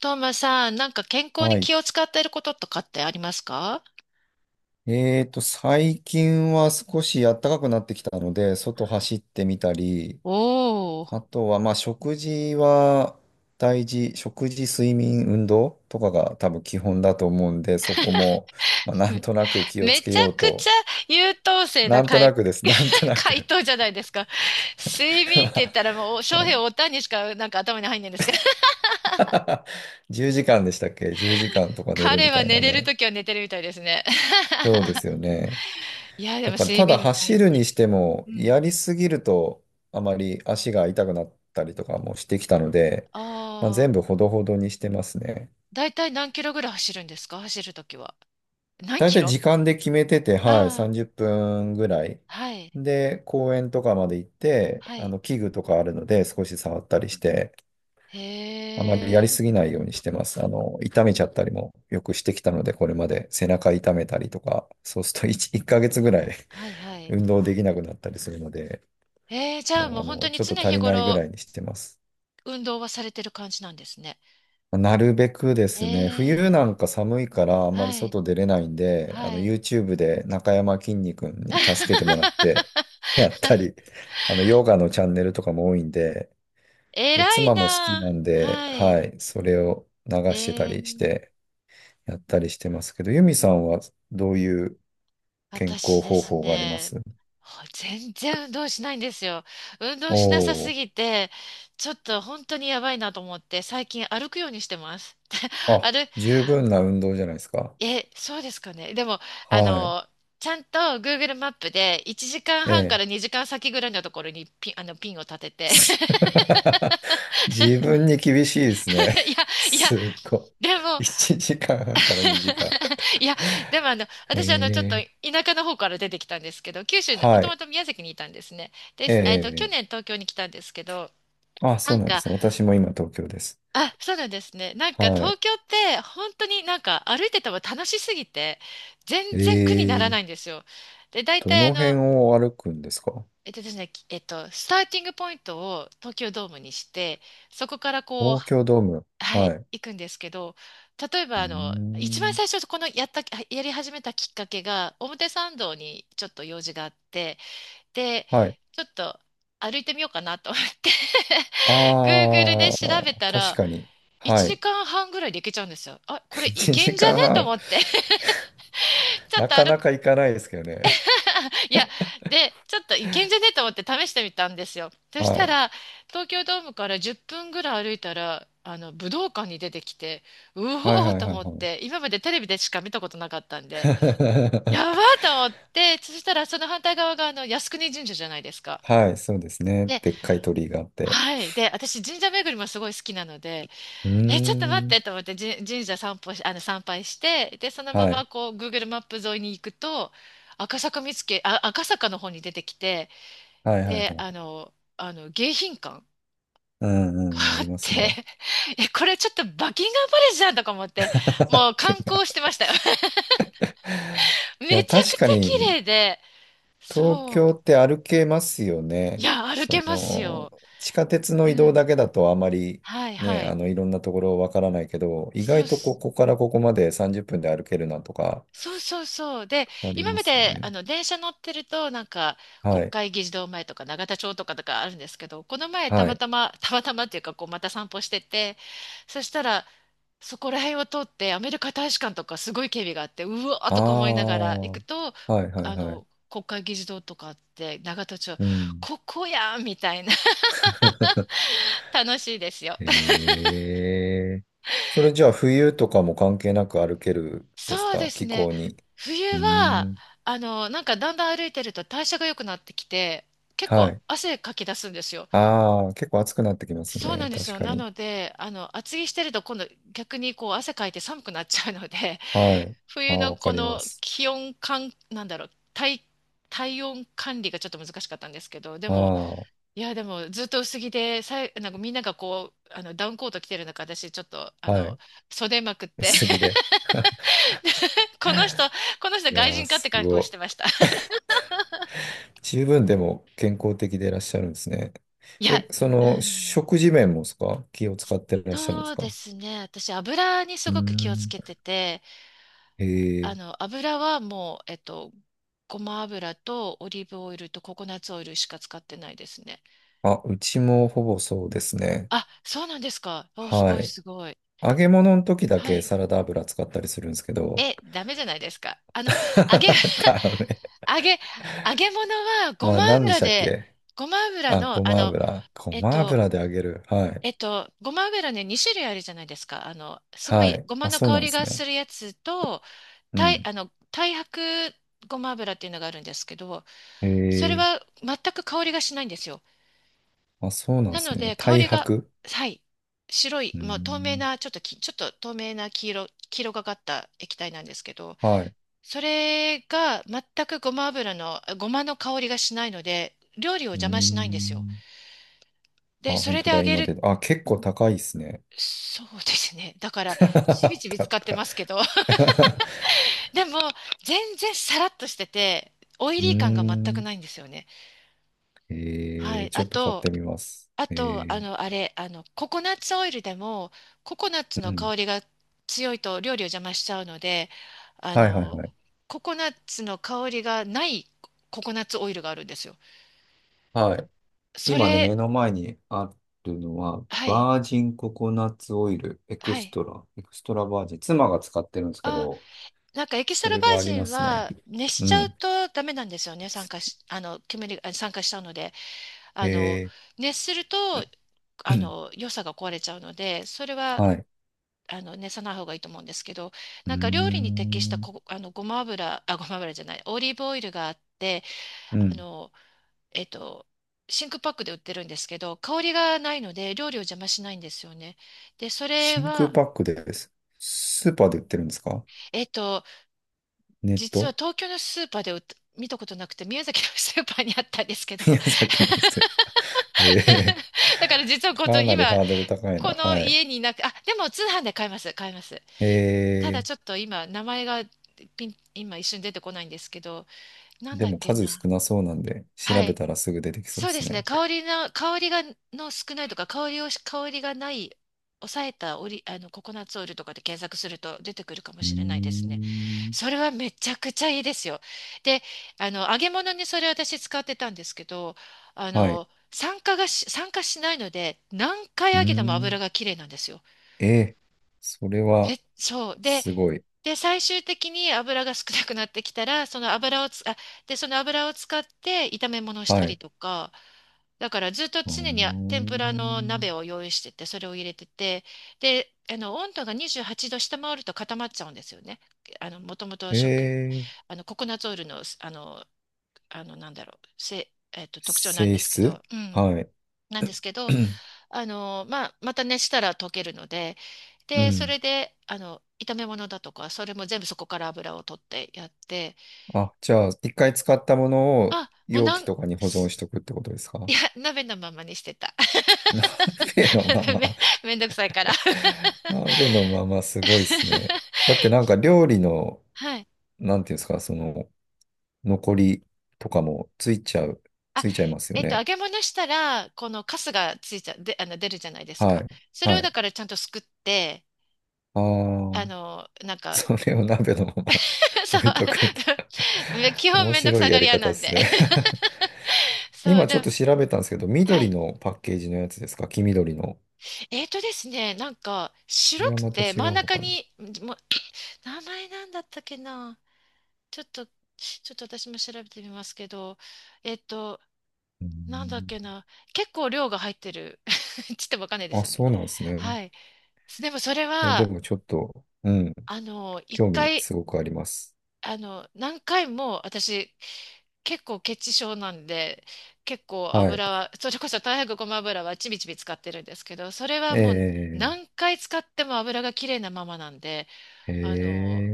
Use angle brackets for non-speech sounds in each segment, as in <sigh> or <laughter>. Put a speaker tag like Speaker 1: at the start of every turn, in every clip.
Speaker 1: トーマさん、なんか健康
Speaker 2: は
Speaker 1: に
Speaker 2: い。
Speaker 1: 気を使っていることとかってありますか？
Speaker 2: 最近は少し暖かくなってきたので、外走ってみたり、
Speaker 1: おー、
Speaker 2: あとは、まあ、食事は大事、食事、睡眠、運動とかが多分基本だと思うんで、そこも、まあ、なん
Speaker 1: め、
Speaker 2: となく気をつ
Speaker 1: め
Speaker 2: け
Speaker 1: ちゃ
Speaker 2: よう
Speaker 1: くちゃ
Speaker 2: と。
Speaker 1: 優等生な
Speaker 2: なんとなくです、なんと
Speaker 1: <laughs>
Speaker 2: な
Speaker 1: 回
Speaker 2: く
Speaker 1: 答じゃないですか。睡眠って言ったらもう、翔平おたんにしかなんか頭に入んないんですけど、<laughs>
Speaker 2: 10時間 <laughs> でしたっけ？ 10 時間とか寝る
Speaker 1: 彼
Speaker 2: みた
Speaker 1: は
Speaker 2: い
Speaker 1: 寝
Speaker 2: な
Speaker 1: れる
Speaker 2: ね。
Speaker 1: ときは寝てるみたいですね。<laughs>
Speaker 2: そうですよね。
Speaker 1: いや、で
Speaker 2: だ
Speaker 1: も
Speaker 2: から
Speaker 1: 睡
Speaker 2: ただ
Speaker 1: 眠大
Speaker 2: 走るに
Speaker 1: 事。
Speaker 2: して
Speaker 1: うん
Speaker 2: も、
Speaker 1: うん。
Speaker 2: やりすぎるとあまり足が痛くなったりとかもしてきたので、まあ、
Speaker 1: ああ、
Speaker 2: 全部ほどほどにしてますね。
Speaker 1: だいたい何キロぐらい走るんですか、走るときは。何
Speaker 2: だい
Speaker 1: キ
Speaker 2: たい
Speaker 1: ロ。
Speaker 2: 時間で決めてて、はい、
Speaker 1: ああー、
Speaker 2: 30分ぐらい。
Speaker 1: はい、
Speaker 2: で、公園とかまで行って、
Speaker 1: はい。
Speaker 2: 器具とかあるので少し触ったりして、
Speaker 1: へ
Speaker 2: あまりやり
Speaker 1: え、
Speaker 2: すぎないようにしてます。痛めちゃったりもよくしてきたので、これまで背中痛めたりとか、そうすると1、1ヶ月ぐらい
Speaker 1: はいは
Speaker 2: <laughs>
Speaker 1: い。
Speaker 2: 運動できなくなったりするので、
Speaker 1: えー、じゃあ
Speaker 2: もう
Speaker 1: もう本当に
Speaker 2: ちょっ
Speaker 1: 常
Speaker 2: と足
Speaker 1: 日
Speaker 2: りないぐら
Speaker 1: 頃
Speaker 2: いにしてます。
Speaker 1: 運動はされてる感じなんですね。
Speaker 2: なるべくで
Speaker 1: え
Speaker 2: すね、冬
Speaker 1: ー、
Speaker 2: なんか寒いからあんまり
Speaker 1: はい、
Speaker 2: 外出れないんで、
Speaker 1: はい。
Speaker 2: YouTube で中山きんに君に助けてもらって、
Speaker 1: <laughs>
Speaker 2: やったり、ヨガのチャンネルとかも多いんで、
Speaker 1: 偉
Speaker 2: で、
Speaker 1: い
Speaker 2: 妻も好き
Speaker 1: な
Speaker 2: な
Speaker 1: あ。
Speaker 2: んで、
Speaker 1: は
Speaker 2: は
Speaker 1: い。
Speaker 2: い、それを流
Speaker 1: え
Speaker 2: してた
Speaker 1: ー、
Speaker 2: りして、やったりしてますけど、ユミさんはどういう健康
Speaker 1: 私で
Speaker 2: 方
Speaker 1: す
Speaker 2: 法がありま
Speaker 1: ね、
Speaker 2: す？
Speaker 1: ほ全然運動しないんですよ。運動
Speaker 2: お
Speaker 1: しなさす
Speaker 2: お
Speaker 1: ぎて、ちょっと本当にやばいなと思って、最近歩くようにしてます。
Speaker 2: ー、
Speaker 1: <laughs>
Speaker 2: あ、
Speaker 1: 歩
Speaker 2: 十分な運動じゃないですか。
Speaker 1: え、そうですかね。でも、あ
Speaker 2: はい。
Speaker 1: の、ちゃんと Google マップで1時
Speaker 2: え
Speaker 1: 間半か
Speaker 2: え。
Speaker 1: ら2時間先ぐらいのところにピンを立てて。
Speaker 2: <laughs> 自分に厳しいですね。
Speaker 1: <laughs> いや、いや、
Speaker 2: すっご
Speaker 1: でも、
Speaker 2: い。1時間半から2時間。
Speaker 1: <laughs> いや、でも
Speaker 2: え
Speaker 1: 私ちょっと
Speaker 2: ー
Speaker 1: 田舎の方から出てきたんですけど、九州の、も
Speaker 2: は
Speaker 1: とも
Speaker 2: い。
Speaker 1: と宮崎にいたんですね。です、去
Speaker 2: え
Speaker 1: 年
Speaker 2: え、
Speaker 1: 東京に来たんですけど、
Speaker 2: あ、
Speaker 1: な
Speaker 2: そう
Speaker 1: ん
Speaker 2: なんで
Speaker 1: か、
Speaker 2: すね。私も今東京です。
Speaker 1: あ、そうなんですね。なんか
Speaker 2: は
Speaker 1: 東
Speaker 2: い。
Speaker 1: 京って本当になんか歩いてても楽しすぎて、全然苦になら
Speaker 2: ええ、
Speaker 1: ないんですよ。で、大
Speaker 2: ど
Speaker 1: 体
Speaker 2: の
Speaker 1: あ
Speaker 2: 辺
Speaker 1: の、
Speaker 2: を歩くんですか？
Speaker 1: えっとですね、きえっと、スターティングポイントを東京ドームにして、そこからこう、
Speaker 2: 東京ドーム。
Speaker 1: は
Speaker 2: は
Speaker 1: い、
Speaker 2: い。う
Speaker 1: 行くんですけど、例え
Speaker 2: ー
Speaker 1: ばあの、一番
Speaker 2: ん。
Speaker 1: 最初、このやった、やり始めたきっかけが、表参道にちょっと用事があって、で、
Speaker 2: はい。
Speaker 1: ちょっと歩いてみようかなと思って <laughs> Google で
Speaker 2: あ
Speaker 1: 調べ
Speaker 2: あ、
Speaker 1: た
Speaker 2: 確
Speaker 1: ら、
Speaker 2: かに。
Speaker 1: 1
Speaker 2: はい。
Speaker 1: 時間半ぐらいで行けちゃうんですよ。あ、これ
Speaker 2: <laughs>
Speaker 1: 行
Speaker 2: 1
Speaker 1: けんじゃ
Speaker 2: 時
Speaker 1: ね
Speaker 2: 間
Speaker 1: と思
Speaker 2: 半。
Speaker 1: って、<laughs> ちょっ
Speaker 2: な
Speaker 1: と
Speaker 2: か
Speaker 1: 歩
Speaker 2: な
Speaker 1: く、
Speaker 2: か行かないですけどね。
Speaker 1: <laughs> いや、で、ちょっといけんじゃねえと思って試してみたんですよ。そし
Speaker 2: は
Speaker 1: た
Speaker 2: い。
Speaker 1: ら、東京ドームから10分ぐらい歩いたら、武道館に出てきて、う
Speaker 2: はい
Speaker 1: お
Speaker 2: は
Speaker 1: ー
Speaker 2: い
Speaker 1: と
Speaker 2: はい
Speaker 1: 思っ
Speaker 2: はい。
Speaker 1: て、今までテレビでしか見たことなかったんで、やばー
Speaker 2: <laughs>
Speaker 1: と思って、そしたらその反対側が靖国神社じゃないですか。
Speaker 2: はい、そうですね。
Speaker 1: で、
Speaker 2: でっかい鳥居があって。
Speaker 1: はい。で、私、神社巡りもすごい好きなので、
Speaker 2: うー
Speaker 1: え、ちょっと待っ
Speaker 2: ん。
Speaker 1: てと思って、じ神社散歩し、参拝して、で、そのま
Speaker 2: は
Speaker 1: ま
Speaker 2: い。
Speaker 1: こう、Google マップ沿いに行くと、赤坂見附、あ、赤坂の方に出てきて、
Speaker 2: はいはいは
Speaker 1: で、
Speaker 2: い。
Speaker 1: 迎賓館が
Speaker 2: うんうん、あ
Speaker 1: あ
Speaker 2: り
Speaker 1: っ
Speaker 2: ます
Speaker 1: て、
Speaker 2: ね。
Speaker 1: <laughs> え、これちょっとバッキンガムパレスじゃんとか思って、も
Speaker 2: <laughs>
Speaker 1: う
Speaker 2: 剣
Speaker 1: 観
Speaker 2: が。
Speaker 1: 光してましたよ。<laughs>
Speaker 2: い
Speaker 1: め
Speaker 2: や、
Speaker 1: ちゃ
Speaker 2: 確
Speaker 1: く
Speaker 2: か
Speaker 1: ちゃ綺
Speaker 2: に、
Speaker 1: 麗で、
Speaker 2: 東
Speaker 1: そう。
Speaker 2: 京って歩けますよ
Speaker 1: い
Speaker 2: ね。
Speaker 1: や、歩
Speaker 2: そ
Speaker 1: けます
Speaker 2: の、
Speaker 1: よ。
Speaker 2: 地下鉄の
Speaker 1: う
Speaker 2: 移動
Speaker 1: ん。
Speaker 2: だけだとあまり
Speaker 1: はい
Speaker 2: ね、
Speaker 1: はい。
Speaker 2: いろんなところわからないけど、意
Speaker 1: そう
Speaker 2: 外とこ
Speaker 1: す、
Speaker 2: こからここまで30分で歩けるなとか、
Speaker 1: そうそうそう。で、
Speaker 2: あり
Speaker 1: 今
Speaker 2: ま
Speaker 1: ま
Speaker 2: すよ
Speaker 1: であ
Speaker 2: ね。
Speaker 1: の電車乗ってると、なんか
Speaker 2: は
Speaker 1: 国
Speaker 2: い。
Speaker 1: 会議事堂前とか永田町とかあるんですけど、この前た
Speaker 2: は
Speaker 1: ま
Speaker 2: い。
Speaker 1: たま、たまたまっていうか、こうまた散歩してて、そしたら、そこら辺を通ってアメリカ大使館とかすごい警備があってうわー
Speaker 2: ああ。
Speaker 1: とか思いながら行
Speaker 2: は
Speaker 1: くと、
Speaker 2: いはい
Speaker 1: あ
Speaker 2: はい。
Speaker 1: の国会議事堂とかあって永田町
Speaker 2: うん。
Speaker 1: ここやんみたいな。
Speaker 2: <laughs>
Speaker 1: <laughs> 楽しいですよ。
Speaker 2: へえ。それじゃあ冬とかも関係なく歩けるです
Speaker 1: そうで
Speaker 2: か？
Speaker 1: す
Speaker 2: 気
Speaker 1: ね、
Speaker 2: 候に。う
Speaker 1: 冬
Speaker 2: ー
Speaker 1: は
Speaker 2: ん。
Speaker 1: なんかだんだん歩いてると代謝が良くなってきて、結
Speaker 2: は
Speaker 1: 構
Speaker 2: い。
Speaker 1: 汗かき出すんですよ。
Speaker 2: ああ、結構暑くなってきますよ
Speaker 1: そうな
Speaker 2: ね。
Speaker 1: んです
Speaker 2: 確
Speaker 1: よ。
Speaker 2: か
Speaker 1: な
Speaker 2: に。
Speaker 1: ので、厚着してると今度逆にこう汗かいて寒くなっちゃうので、
Speaker 2: はい。あ
Speaker 1: 冬
Speaker 2: あ、
Speaker 1: の
Speaker 2: わか
Speaker 1: こ
Speaker 2: りま
Speaker 1: の
Speaker 2: す。
Speaker 1: 気温管なんだろう、体、体温管理がちょっと難しかったんですけど、でも、
Speaker 2: ああ、
Speaker 1: いや、でもずっと薄着で、さい、なんかみんながこう、ダウンコート着てる中、私ちょっと、
Speaker 2: はい。
Speaker 1: 袖まくっ
Speaker 2: <laughs>
Speaker 1: て、
Speaker 2: 薄着で。<laughs>
Speaker 1: <laughs> で、この人、この人
Speaker 2: い
Speaker 1: 外
Speaker 2: やー、
Speaker 1: 人かって
Speaker 2: す
Speaker 1: 格
Speaker 2: ご
Speaker 1: 好して
Speaker 2: い。
Speaker 1: ました。
Speaker 2: 十分でも健康的でいらっしゃるんですね。
Speaker 1: いや、
Speaker 2: え、そ
Speaker 1: う
Speaker 2: の、
Speaker 1: ん、
Speaker 2: 食事面もですか？気を使っていらっしゃるんで
Speaker 1: そ
Speaker 2: す
Speaker 1: うで
Speaker 2: か？
Speaker 1: すね。私、油にす
Speaker 2: うー
Speaker 1: ごく気をつ
Speaker 2: ん。
Speaker 1: けてて、
Speaker 2: ええ。
Speaker 1: 油はもう、ごま油とオリーブオイルとココナッツオイルしか使ってないですね。
Speaker 2: あ、うちもほぼそうですね。
Speaker 1: あ、そうなんですか。お、す
Speaker 2: は
Speaker 1: ごい
Speaker 2: い。
Speaker 1: すごい。
Speaker 2: 揚げ物の時だ
Speaker 1: は
Speaker 2: け
Speaker 1: い。
Speaker 2: サラダ油使ったりするんですけど、
Speaker 1: え、ダメじゃないですか。揚げ、<laughs>
Speaker 2: <laughs> だよね。
Speaker 1: 揚げ、揚げ物はご
Speaker 2: まあ、
Speaker 1: ま
Speaker 2: 何でし
Speaker 1: 油
Speaker 2: たっ
Speaker 1: で、
Speaker 2: け？
Speaker 1: ごま油
Speaker 2: あ、ご
Speaker 1: の、
Speaker 2: ま油。ご
Speaker 1: えっ
Speaker 2: ま
Speaker 1: と、
Speaker 2: 油で揚げる。はい。
Speaker 1: ごま油ね、2種類あるじゃないですか。すご
Speaker 2: は
Speaker 1: い、
Speaker 2: い。
Speaker 1: ごま
Speaker 2: あ、
Speaker 1: の
Speaker 2: そうな
Speaker 1: 香
Speaker 2: んで
Speaker 1: り
Speaker 2: す
Speaker 1: がす
Speaker 2: ね。
Speaker 1: るやつと、
Speaker 2: う
Speaker 1: たい、
Speaker 2: ん。
Speaker 1: 太白ごま油っていうのがあるんですけど、
Speaker 2: へ
Speaker 1: それ
Speaker 2: え。
Speaker 1: は全く香りがしないんですよ。
Speaker 2: あ、そうなんで
Speaker 1: な
Speaker 2: す
Speaker 1: の
Speaker 2: ね。
Speaker 1: で、香
Speaker 2: 太
Speaker 1: りが、
Speaker 2: 白。
Speaker 1: はい、白い、
Speaker 2: うー
Speaker 1: もう透明
Speaker 2: ん。
Speaker 1: な、ちょっとき、ちょっと透明な黄色、黄色がかった液体なんですけど、
Speaker 2: はい。う
Speaker 1: それが全くごま油の、ごまの香りがしないので、料理を
Speaker 2: ー
Speaker 1: 邪魔しないんですよ。
Speaker 2: ん。あ、
Speaker 1: で、そ
Speaker 2: 本
Speaker 1: れで
Speaker 2: 当
Speaker 1: 揚
Speaker 2: だ。
Speaker 1: げ
Speaker 2: 今
Speaker 1: る、
Speaker 2: 出あ、結構高いですね。
Speaker 1: そうですね。だから、ちび
Speaker 2: <laughs>
Speaker 1: ちび使
Speaker 2: 高
Speaker 1: って
Speaker 2: い。
Speaker 1: ますけど、<laughs> でも、全然さらっとしてて、オイ
Speaker 2: <laughs> うー
Speaker 1: リー感が全く
Speaker 2: ん。
Speaker 1: ないんですよね。はい。
Speaker 2: ち
Speaker 1: あ
Speaker 2: ょっと買っ
Speaker 1: と、
Speaker 2: てみます。
Speaker 1: あと、あの、あれ、あの、ココナッツオイルでも、ココナッツ
Speaker 2: う
Speaker 1: の
Speaker 2: ん。
Speaker 1: 香りが強いと料理を邪魔しちゃうので、あ
Speaker 2: はいはい
Speaker 1: の、
Speaker 2: はい。
Speaker 1: ココナッツの香りがないココナッツオイルがあるんですよ。
Speaker 2: はい、
Speaker 1: そ
Speaker 2: 今ね、目
Speaker 1: れ、
Speaker 2: の前にあるのは、
Speaker 1: はい、
Speaker 2: バージンココナッツオイル、エク
Speaker 1: は
Speaker 2: ス
Speaker 1: い。
Speaker 2: トラ、エクストラバージン、妻が使ってるんですけ
Speaker 1: あ、
Speaker 2: ど、
Speaker 1: なんかエキスト
Speaker 2: そ
Speaker 1: ラ
Speaker 2: れ
Speaker 1: バー
Speaker 2: があり
Speaker 1: ジ
Speaker 2: ま
Speaker 1: ン
Speaker 2: すね。
Speaker 1: は熱し
Speaker 2: う
Speaker 1: ちゃう
Speaker 2: ん。
Speaker 1: とダメなんですよね。酸化し、煙が、あ酸化しちゃうので、あ
Speaker 2: へ
Speaker 1: の、
Speaker 2: え。
Speaker 1: 熱すると、
Speaker 2: <clears throat>
Speaker 1: 良さが壊れちゃうので、それは
Speaker 2: はい。
Speaker 1: あの熱さない方がいいと思うんですけど、
Speaker 2: うー
Speaker 1: なんか料理に適した
Speaker 2: ん。
Speaker 1: こあのごま油あごま油じゃないオリーブオイルがあって、
Speaker 2: う
Speaker 1: あ
Speaker 2: ん。
Speaker 1: のえっと真空パックで売ってるんですけど、香りがないので料理を邪魔しないんですよね。で、それ
Speaker 2: 真空
Speaker 1: は
Speaker 2: パックです。スーパーで売ってるんですか？
Speaker 1: えっと
Speaker 2: ネッ
Speaker 1: 実は
Speaker 2: ト。
Speaker 1: 東京のスーパーで売っ見たことなくて、宮崎のスーパーにあったんですけど、
Speaker 2: <laughs> 宮崎のスーパー。へえ。
Speaker 1: <laughs> だから実はこと
Speaker 2: かなり
Speaker 1: 今
Speaker 2: ハードル高いな。
Speaker 1: この
Speaker 2: はい。
Speaker 1: 家にいなくあでも通販で買います買います。ただちょっ
Speaker 2: え
Speaker 1: と今名前がピン今一瞬出てこないんですけど、なん
Speaker 2: で
Speaker 1: だっ
Speaker 2: も
Speaker 1: け
Speaker 2: 数少
Speaker 1: な。
Speaker 2: なそうなんで、調
Speaker 1: は
Speaker 2: べ
Speaker 1: い。
Speaker 2: たらすぐ出てきそうで
Speaker 1: そうで
Speaker 2: す
Speaker 1: すね。
Speaker 2: ね。
Speaker 1: 香りの、香りが、の少ないとか、香りをし、香りがない、抑えたオリ、ココナッツオイルとかで検索すると出てくるかも
Speaker 2: うー
Speaker 1: しれないですね。
Speaker 2: ん。
Speaker 1: それはめちゃくちゃいいですよ。で、揚げ物にそれ私使ってたんですけど、
Speaker 2: はい。
Speaker 1: 酸化がし、酸化しないので、何回
Speaker 2: うー
Speaker 1: 揚げても
Speaker 2: ん。
Speaker 1: 油がきれいなんですよ。
Speaker 2: ええ、それは、
Speaker 1: め、そう。で、
Speaker 2: すごい。
Speaker 1: で、最終的に油が少なくなってきたら、その油をつ、あ、で、その油を使って炒め物をした
Speaker 2: は
Speaker 1: り
Speaker 2: い。
Speaker 1: とか、だからずっと
Speaker 2: うー
Speaker 1: 常にあ天ぷらの
Speaker 2: ん。
Speaker 1: 鍋を用意してて、それを入れてて、で、温度が28度下回ると固まっちゃうんですよね。もともと
Speaker 2: え
Speaker 1: 食、
Speaker 2: え、
Speaker 1: ココナッツオイルの、なんだろう、せ、特徴なんで
Speaker 2: 性
Speaker 1: すけど、
Speaker 2: 質。
Speaker 1: うん、
Speaker 2: はい。
Speaker 1: なんですけど、
Speaker 2: <clears throat>
Speaker 1: まあ、また熱したら溶けるので、
Speaker 2: う
Speaker 1: で、そ
Speaker 2: ん。
Speaker 1: れで、炒め物だとか、それも全部そこから油を取ってやって、
Speaker 2: あ、じゃあ、一回使ったものを
Speaker 1: あ、もう
Speaker 2: 容
Speaker 1: な
Speaker 2: 器
Speaker 1: ん、
Speaker 2: とかに保存し
Speaker 1: す
Speaker 2: とくってことです
Speaker 1: い
Speaker 2: か？
Speaker 1: や、鍋のままにしてた。
Speaker 2: <laughs> 鍋のま
Speaker 1: <laughs> め、
Speaker 2: ま。
Speaker 1: めんどくさいから。<laughs>
Speaker 2: <laughs> 鍋のまま、すごいですね。だってなんか料理の、
Speaker 1: はい。
Speaker 2: なんていうんですか、その、残りとかも
Speaker 1: あ、
Speaker 2: ついちゃいますよ
Speaker 1: 揚
Speaker 2: ね。
Speaker 1: げ物したら、このカスがついちゃ、で、出るじゃないです
Speaker 2: は
Speaker 1: か。
Speaker 2: い。
Speaker 1: それを
Speaker 2: は
Speaker 1: だ
Speaker 2: い。
Speaker 1: からちゃんとすくって、
Speaker 2: ああ。
Speaker 1: なん
Speaker 2: <laughs>
Speaker 1: か、
Speaker 2: それを鍋のまま
Speaker 1: <laughs>
Speaker 2: <laughs>
Speaker 1: そう、
Speaker 2: 置いとくんだ。
Speaker 1: <laughs> め基
Speaker 2: <laughs>
Speaker 1: 本
Speaker 2: 面
Speaker 1: めんどく
Speaker 2: 白
Speaker 1: さ
Speaker 2: いや
Speaker 1: がり
Speaker 2: り
Speaker 1: 屋
Speaker 2: 方
Speaker 1: な
Speaker 2: で
Speaker 1: ん
Speaker 2: す
Speaker 1: で。
Speaker 2: ね。
Speaker 1: <laughs>
Speaker 2: <laughs>
Speaker 1: そう、
Speaker 2: 今ちょ
Speaker 1: で
Speaker 2: っ
Speaker 1: も、
Speaker 2: と調べたんですけど、
Speaker 1: は
Speaker 2: 緑
Speaker 1: い。
Speaker 2: のパッケージのやつですか？黄緑の。
Speaker 1: えーとですね、なんか白
Speaker 2: これは
Speaker 1: く
Speaker 2: また
Speaker 1: て
Speaker 2: 違
Speaker 1: 真ん
Speaker 2: うの
Speaker 1: 中
Speaker 2: かな。う
Speaker 1: に、もう名前なんだったっけな。ちょっと私も調べてみますけど、えっと、
Speaker 2: ー
Speaker 1: なんだっけ
Speaker 2: ん。
Speaker 1: な。結構量が入ってる。<laughs> ちょっとわかんないで
Speaker 2: あ、
Speaker 1: すよね。
Speaker 2: そうなんですね。
Speaker 1: はい。でもそれ
Speaker 2: いや、で
Speaker 1: は、
Speaker 2: もちょっと、うん、
Speaker 1: あの、一
Speaker 2: 興味
Speaker 1: 回、
Speaker 2: すごくあります。
Speaker 1: あの、何回も私結構血チ症なんで、結構
Speaker 2: はい。
Speaker 1: 油は、それこそ大白ごま油はちびちび使ってるんですけど、それはもう
Speaker 2: え
Speaker 1: 何回使っても油がきれいなままなんで、
Speaker 2: ー、え
Speaker 1: あの、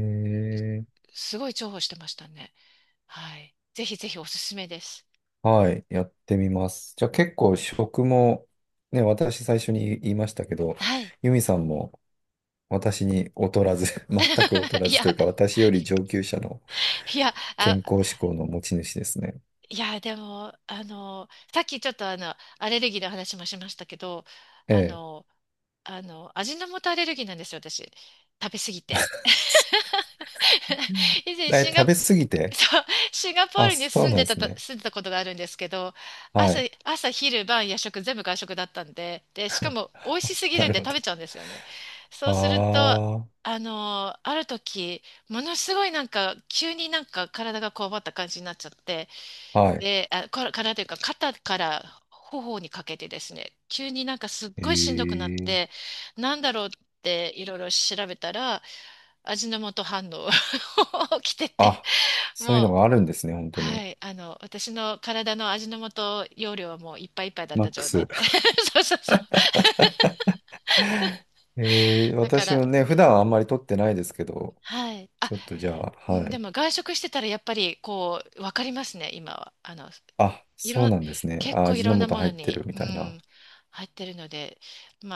Speaker 2: ー。
Speaker 1: すごい重宝してましたね。はい。ぜひぜひおすすめです。
Speaker 2: はい、やってみます。じゃあ結構食も、ね、私最初に言いましたけど、
Speaker 1: はい。
Speaker 2: ユミさんも私に劣らず、<laughs> 全く劣
Speaker 1: <laughs>
Speaker 2: ら
Speaker 1: い
Speaker 2: ず
Speaker 1: や、
Speaker 2: というか、私より上級者の
Speaker 1: いや、あ、
Speaker 2: 健康志向の持ち主ですね。
Speaker 1: いや、でも、さっきちょっとアレルギーの話もしましたけど、
Speaker 2: え
Speaker 1: あ
Speaker 2: え。
Speaker 1: の、味の素アレルギーなんですよ、私。食べ過ぎて。
Speaker 2: うん。
Speaker 1: <laughs> 以前
Speaker 2: え、
Speaker 1: シンガ
Speaker 2: 食べ過ぎて？
Speaker 1: そう、シンガポー
Speaker 2: あ、
Speaker 1: ルに
Speaker 2: そう
Speaker 1: 住ん
Speaker 2: なん
Speaker 1: で
Speaker 2: で
Speaker 1: た
Speaker 2: す
Speaker 1: と、
Speaker 2: ね。
Speaker 1: 住んでたことがあるんですけど、
Speaker 2: は
Speaker 1: 朝、
Speaker 2: い。
Speaker 1: 朝、昼、晩、夜食、全部外食だったんで、で、しかも美味し
Speaker 2: <laughs>
Speaker 1: すぎ
Speaker 2: な
Speaker 1: るん
Speaker 2: る
Speaker 1: で
Speaker 2: ほ
Speaker 1: 食べちゃ
Speaker 2: ど。
Speaker 1: うんですよね。そうすると、
Speaker 2: あ
Speaker 1: あのー、ある時、ものすごいなんか、急になんか体がこわばった感じになっちゃって、
Speaker 2: あ、はい。
Speaker 1: で、あ、こ体というか、肩から頬にかけてですね、急になんかすっ
Speaker 2: え
Speaker 1: ごいしんどくなって、
Speaker 2: え。
Speaker 1: なんだろうっていろいろ調べたら、味の素反応 <laughs> 起きてて、
Speaker 2: あ、そういう
Speaker 1: も
Speaker 2: の
Speaker 1: う、
Speaker 2: があるんですね、本当
Speaker 1: は
Speaker 2: に。
Speaker 1: い、私の体の味の素容量はもういっぱいいっぱいだっ
Speaker 2: マッ
Speaker 1: た
Speaker 2: ク
Speaker 1: 状態
Speaker 2: ス。
Speaker 1: で。<laughs> そうそうそう。
Speaker 2: <laughs> ええ、
Speaker 1: だか
Speaker 2: 私
Speaker 1: ら、
Speaker 2: もね、
Speaker 1: う
Speaker 2: 普段は
Speaker 1: ん、
Speaker 2: あんまり取ってないですけど、
Speaker 1: はい。あ、
Speaker 2: ちょっとじゃ
Speaker 1: う
Speaker 2: あ、は
Speaker 1: ん、で
Speaker 2: い。
Speaker 1: も外食してたらやっぱりこう、わかりますね、今は。あの、
Speaker 2: あ、
Speaker 1: い
Speaker 2: そう
Speaker 1: ろん、
Speaker 2: なんですね。
Speaker 1: 結
Speaker 2: あ、
Speaker 1: 構い
Speaker 2: 味
Speaker 1: ろ
Speaker 2: の
Speaker 1: んな
Speaker 2: 素
Speaker 1: も
Speaker 2: 入
Speaker 1: の
Speaker 2: ってる
Speaker 1: に、
Speaker 2: み
Speaker 1: う
Speaker 2: たいな。
Speaker 1: ん、入ってるので、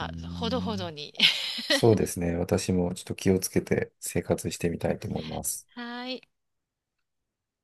Speaker 2: うー
Speaker 1: あ、ほどほど
Speaker 2: ん。
Speaker 1: に。<laughs>
Speaker 2: そうですね。私もちょっと気をつけて生活してみたいと思います。
Speaker 1: はい。